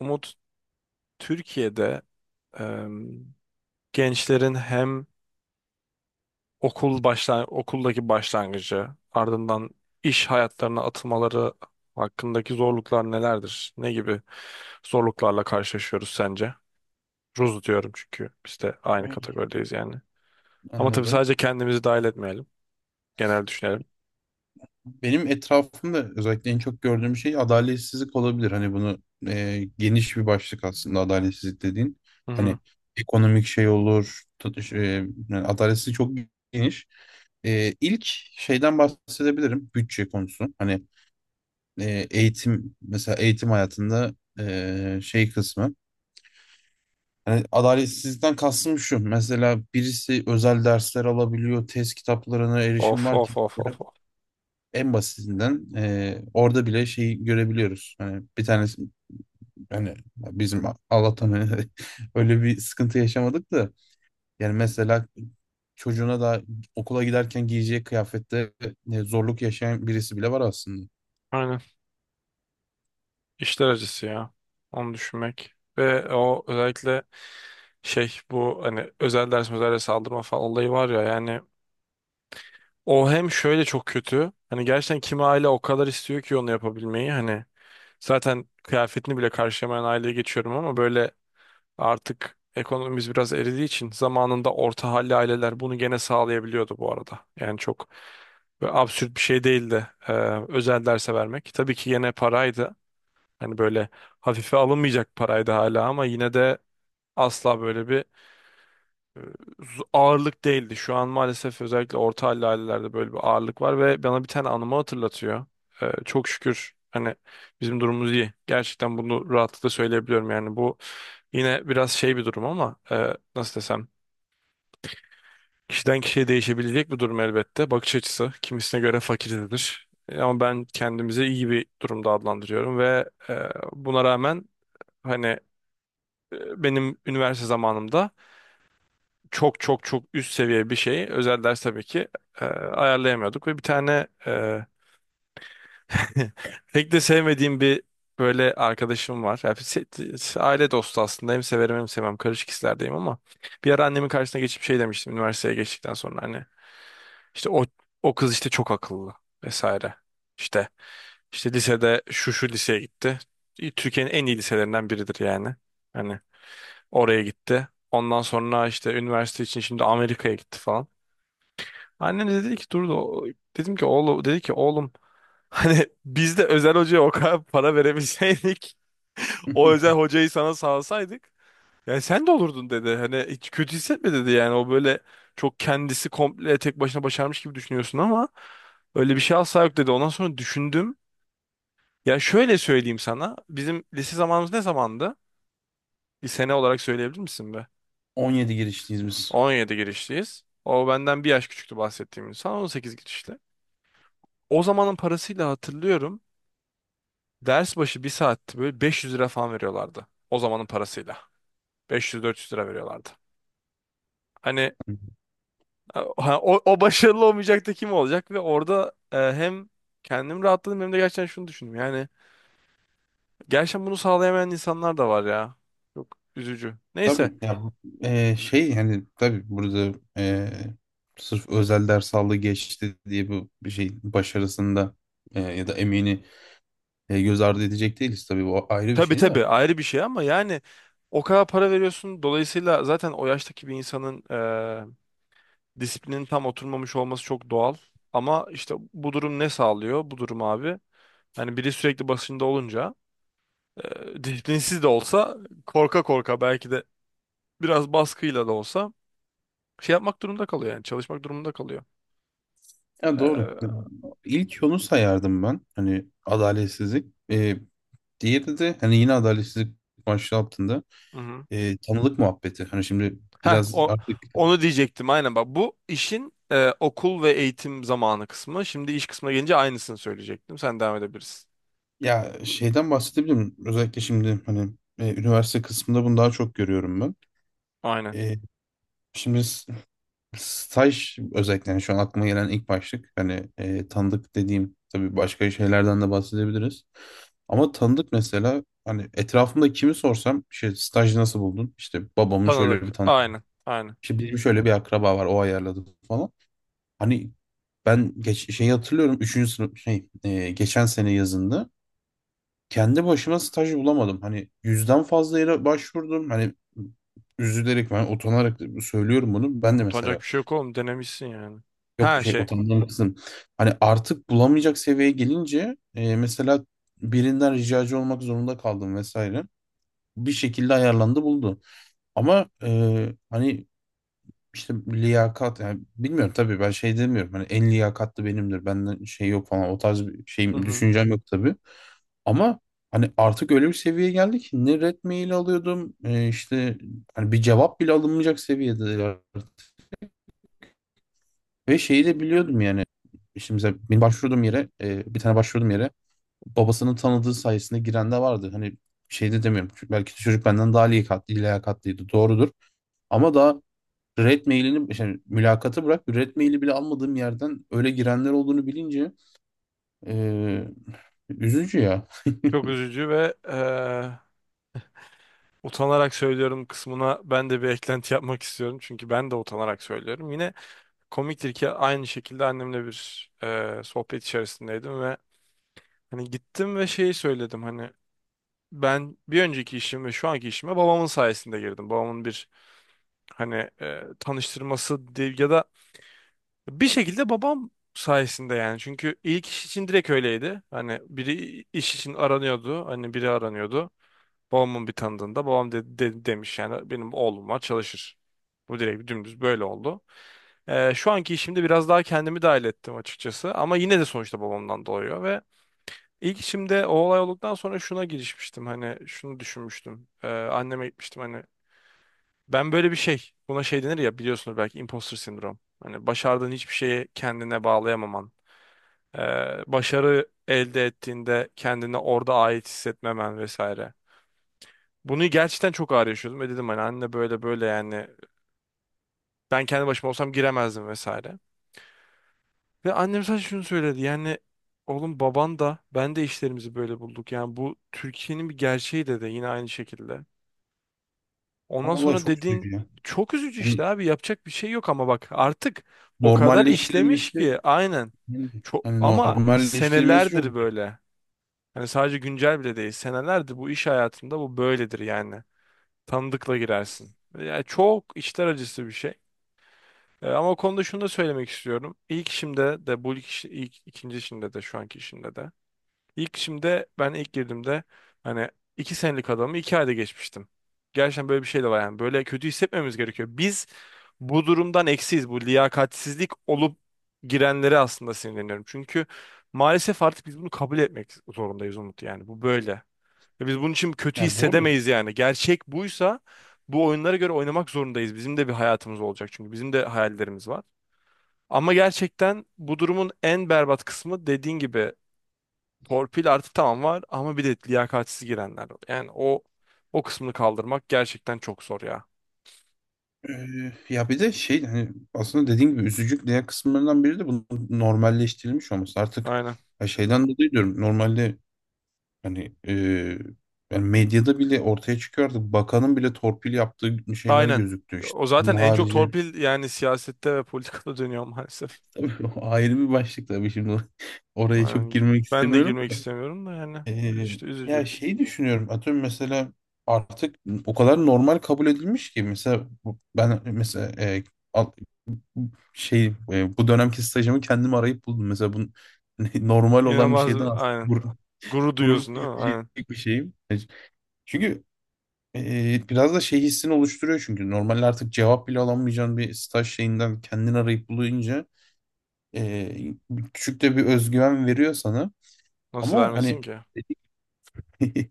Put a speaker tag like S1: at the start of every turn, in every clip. S1: Umut, Türkiye'de em, gençlerin hem okuldaki başlangıcı ardından iş hayatlarına atılmaları hakkındaki zorluklar nelerdir? Ne gibi zorluklarla karşılaşıyoruz sence? Ruz diyorum çünkü biz de aynı
S2: Evet,
S1: kategorideyiz yani. Ama tabii
S2: anladım.
S1: sadece kendimizi dahil etmeyelim. Genel düşünelim.
S2: Benim etrafımda özellikle en çok gördüğüm şey adaletsizlik olabilir. Hani bunu geniş bir başlık aslında adaletsizlik dediğin.
S1: Hı hı.
S2: Hani ekonomik şey olur. Yani adaletsizlik çok geniş. İlk şeyden bahsedebilirim. Bütçe konusu. Hani eğitim, mesela eğitim hayatında şey kısmı. Hani adaletsizlikten kastım şu: mesela birisi özel dersler alabiliyor. Test kitaplarına erişim
S1: Of
S2: var
S1: of
S2: ki.
S1: of of of.
S2: En basitinden orada bile şeyi görebiliyoruz. Hani bir tanesi hani bizim Allah'tan hani öyle bir sıkıntı yaşamadık da, yani mesela çocuğuna da okula giderken giyeceği kıyafette zorluk yaşayan birisi bile var aslında.
S1: Aynen. İşler acısı ya. Onu düşünmek. Ve o özellikle şey bu hani özel ders aldırma falan olayı var ya yani o hem şöyle çok kötü hani gerçekten kimi aile o kadar istiyor ki onu yapabilmeyi hani zaten kıyafetini bile karşılamayan aileye geçiyorum ama böyle artık ekonomimiz biraz eridiği için zamanında orta halli aileler bunu gene sağlayabiliyordu bu arada. Yani çok böyle absürt bir şey değildi özel derse vermek. Tabii ki yine paraydı. Hani böyle hafife alınmayacak paraydı hala ama yine de asla böyle bir ağırlık değildi. Şu an maalesef özellikle orta halli ailelerde böyle bir ağırlık var ve bana bir tane anımı hatırlatıyor. Çok şükür hani bizim durumumuz iyi. Gerçekten bunu rahatlıkla söyleyebiliyorum. Yani bu yine biraz şey bir durum ama nasıl desem, kişiden kişiye değişebilecek bir durum elbette. Bakış açısı kimisine göre fakirdir. Ama ben kendimizi iyi bir durumda adlandırıyorum ve, buna rağmen hani, benim üniversite zamanımda çok çok çok üst seviye bir şeyi, özel ders tabii ki ayarlayamıyorduk ve bir tane pek de sevmediğim bir böyle arkadaşım var. Yani aile dostu aslında, hem severim hem sevmem, karışık hislerdeyim ama bir ara annemin karşısına geçip şey demiştim üniversiteye geçtikten sonra hani işte o, o kız işte çok akıllı vesaire. İşte, işte lisede şu şu liseye gitti. Türkiye'nin en iyi liselerinden biridir yani. Hani oraya gitti. Ondan sonra işte üniversite için şimdi Amerika'ya gitti falan. Annem de dedi ki dur da dedim ki oğlum, dedi ki oğlum, hani biz de özel hocaya o kadar para verebilseydik, o özel hocayı sana sağlasaydık yani sen de olurdun dedi. Hani hiç kötü hissetme dedi yani o böyle çok kendisi komple tek başına başarmış gibi düşünüyorsun ama öyle bir şey asla yok dedi. Ondan sonra düşündüm. Ya şöyle söyleyeyim sana. Bizim lise zamanımız ne zamandı? Bir sene olarak söyleyebilir misin be?
S2: 17 girişliyiz biz.
S1: 17 girişliyiz. O benden bir yaş küçüktü bahsettiğim insan. 18 girişli. O zamanın parasıyla hatırlıyorum. Ders başı bir saatti böyle 500 lira falan veriyorlardı. O zamanın parasıyla. 500-400 lira veriyorlardı. Hani o, o başarılı olmayacak da kim olacak? Ve orada hem kendim rahatladım hem de gerçekten şunu düşündüm. Yani gerçekten bunu sağlayamayan insanlar da var ya. Çok üzücü. Neyse.
S2: Tabii ya, hani tabii burada sırf özel ders aldı geçti diye bu bir şey başarısında ya da emeğini göz ardı edecek değiliz tabii, bu ayrı bir
S1: Tabii
S2: şey de.
S1: tabii ayrı bir şey ama yani o kadar para veriyorsun. Dolayısıyla zaten o yaştaki bir insanın disiplinin tam oturmamış olması çok doğal. Ama işte bu durum ne sağlıyor? Bu durum abi. Hani biri sürekli başında olunca disiplinsiz de olsa korka korka belki de biraz baskıyla da olsa şey yapmak durumunda kalıyor yani çalışmak durumunda kalıyor.
S2: Ya
S1: E,
S2: doğru.
S1: hı
S2: İlk yolu sayardım ben. Hani adaletsizlik. Diğeri de hani yine adaletsizlik başlığı altında
S1: hı.
S2: tanılık muhabbeti. Hani şimdi
S1: Heh,
S2: biraz artık,
S1: onu diyecektim aynen bak bu işin okul ve eğitim zamanı kısmı. Şimdi iş kısmına gelince aynısını söyleyecektim. Sen devam edebilirsin.
S2: ya şeyden bahsedebilirim. Özellikle şimdi hani üniversite kısmında bunu daha çok görüyorum ben.
S1: Aynen.
S2: Ee, şimdi staj özellikle, yani şu an aklıma gelen ilk başlık. Hani tanıdık dediğim, tabii başka şeylerden de bahsedebiliriz. Ama tanıdık mesela, hani etrafımda kimi sorsam işte staj nasıl buldun? İşte babamın şöyle
S1: Tanıdık.
S2: bir tanıdık.
S1: Aynen. Aynen.
S2: İşte bizim şöyle bir akraba var, o ayarladı falan. Hani ben şeyi hatırlıyorum, üçüncü sınıf şey geçen sene yazında kendi başıma staj bulamadım. Hani yüzden fazla yere başvurdum. Hani üzülerek, ben utanarak söylüyorum bunu. Ben de
S1: Utanacak
S2: mesela,
S1: bir şey yok oğlum, denemişsin yani.
S2: yok
S1: Ha
S2: şey,
S1: şey.
S2: utandığım kısım. Hani artık bulamayacak seviyeye gelince, mesela birinden ricacı olmak zorunda kaldım vesaire. Bir şekilde ayarlandı, buldu. Ama hani işte liyakat, yani bilmiyorum, tabii ben şey demiyorum. Hani en liyakatlı benimdir, benden şey yok falan, o tarz bir
S1: Hı
S2: şeyim,
S1: hı.
S2: düşüncem yok tabii. Ama hani artık öyle bir seviyeye geldik ki ne red mail alıyordum işte, hani bir cevap bile alınmayacak seviyede. Ve şeyi de biliyordum yani. Şimdi mesela benim başvurduğum yere, bir tane başvurduğum yere, babasının tanıdığı sayesinde giren de vardı. Hani şey de demiyorum, çünkü belki de çocuk benden daha liyakatlıydı. Doğrudur. Ama daha red mailini, yani mülakatı bırak, red maili bile almadığım yerden öyle girenler olduğunu bilince e, üzücü ya.
S1: Çok üzücü ve utanarak söylüyorum kısmına ben de bir eklenti yapmak istiyorum. Çünkü ben de utanarak söylüyorum. Yine komiktir ki aynı şekilde annemle bir sohbet içerisindeydim ve hani gittim ve şeyi söyledim hani ben bir önceki işim ve şu anki işime babamın sayesinde girdim. Babamın bir hani tanıştırması değil ya da bir şekilde babam sayesinde yani. Çünkü ilk iş için direkt öyleydi. Hani biri iş için aranıyordu. Hani biri aranıyordu. Babamın bir tanıdığında babam demiş yani benim oğlum var çalışır. Bu direkt dümdüz böyle oldu. Şu anki işimde biraz daha kendimi dahil ettim açıkçası ama yine de sonuçta babamdan doğuyor ve ilk işimde o olay olduktan sonra şuna girişmiştim hani şunu düşünmüştüm. Anneme gitmiştim hani ben böyle bir şey, buna şey denir ya, biliyorsunuz belki, imposter sindrom. Hani başardığın hiçbir şeyi kendine bağlayamaman, ee, başarı elde ettiğinde kendine orada ait hissetmemen vesaire. Bunu gerçekten çok ağır yaşıyordum ve dedim hani anne böyle böyle yani ben kendi başıma olsam giremezdim vesaire. Ve annem sadece şunu söyledi yani oğlum baban da ben de işlerimizi böyle bulduk. Yani bu Türkiye'nin bir gerçeği dedi yine aynı şekilde. Ondan
S2: Vallahi
S1: sonra
S2: çok üzücü
S1: dediğin
S2: ya.
S1: çok üzücü
S2: Hani
S1: işte abi, yapacak bir şey yok ama bak artık o kadar işlemiş
S2: normalleştirilmesi
S1: ki, aynen. Çok,
S2: hani
S1: ama
S2: normalleştirilmesi çok
S1: senelerdir
S2: üzücü.
S1: böyle. Hani sadece güncel bile değil, senelerdir bu iş hayatında bu böyledir yani. Tanıdıkla girersin. Yani çok içler acısı bir şey. Ama o konuda şunu da söylemek istiyorum. İlk işimde de bu ilk, ikinci işimde de şu anki işimde de. İlk işimde ben ilk girdiğimde hani iki senelik adamı iki ayda geçmiştim. Gerçekten böyle bir şey de var yani. Böyle kötü hissetmemiz gerekiyor. Biz bu durumdan eksiyiz. Bu liyakatsizlik olup girenlere aslında sinirleniyorum. Çünkü maalesef artık biz bunu kabul etmek zorundayız Umut yani. Bu böyle. Ve biz bunun için kötü
S2: Ya doğru.
S1: hissedemeyiz yani. Gerçek buysa bu oyunlara göre oynamak zorundayız. Bizim de bir hayatımız olacak çünkü bizim de hayallerimiz var. Ama gerçekten bu durumun en berbat kısmı, dediğin gibi, torpil artı tamam var ama bir de liyakatsiz girenler var. Yani o kısmını kaldırmak gerçekten çok zor ya.
S2: Ya bir de şey, hani aslında dediğin gibi üzücü diğer kısımlarından biri de bunun normalleştirilmiş olması. Artık
S1: Aynen.
S2: ya şeyden dolayı diyorum, normalde hani, yani medyada bile ortaya çıkıyordu. Bakanın bile torpil yaptığı şeyler
S1: Aynen.
S2: gözüktü işte.
S1: O zaten
S2: Bunun
S1: en çok
S2: harici
S1: torpil yani siyasette ve politikada dönüyor maalesef.
S2: tabii o ayrı bir başlık, tabii şimdi oraya çok
S1: Aynen.
S2: girmek
S1: Ben de
S2: istemiyorum
S1: girmek
S2: da.
S1: istemiyorum da yani
S2: Ee,
S1: işte
S2: ya
S1: üzücü.
S2: şey düşünüyorum, atıyorum mesela artık o kadar normal kabul edilmiş ki, mesela ben mesela şey, bu dönemki stajımı kendim arayıp buldum. Mesela bu normal olan bir
S1: İnanılmaz
S2: şeyden aslında
S1: aynen. Gurur
S2: gurur
S1: duyuyorsun değil mi?
S2: duyabilecek
S1: Aynen.
S2: bir şeyim. Çünkü biraz da şey hissini oluşturuyor, çünkü normalde artık cevap bile alamayacağın bir staj şeyinden kendini arayıp bulunca e, küçük de bir özgüven veriyor sana.
S1: Nasıl
S2: Ama
S1: vermesin
S2: hani
S1: ki?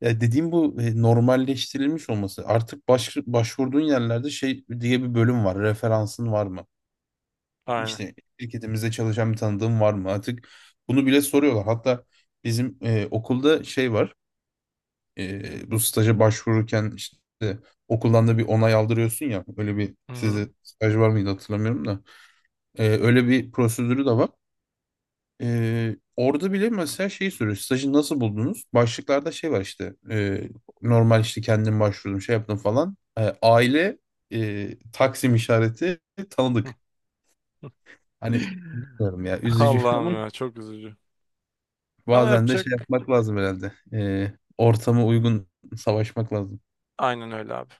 S2: ya dediğim bu normalleştirilmiş olması. Artık başvurduğun yerlerde şey diye bir bölüm var: referansın var mı?
S1: Aynen.
S2: İşte şirketimizde çalışan bir tanıdığım var mı artık? Bunu bile soruyorlar. Hatta bizim okulda şey var. Bu staja başvururken işte okuldan da bir onay aldırıyorsun ya. Öyle bir,
S1: Hı hı.
S2: sizde staj var mıydı hatırlamıyorum da. Öyle bir prosedürü de var. Orada bile mesela şeyi soruyor: stajı nasıl buldunuz? Başlıklarda şey var işte. Normal, işte kendim başvurdum, şey yaptım falan. Aile, taksim işareti, tanıdık. Hani bilmiyorum, ya üzücü ama
S1: Allah'ım ya, çok üzücü. Ama
S2: bazen de
S1: yapacak,
S2: şey yapmak lazım herhalde. Ortama uygun savaşmak lazım.
S1: aynen öyle abi.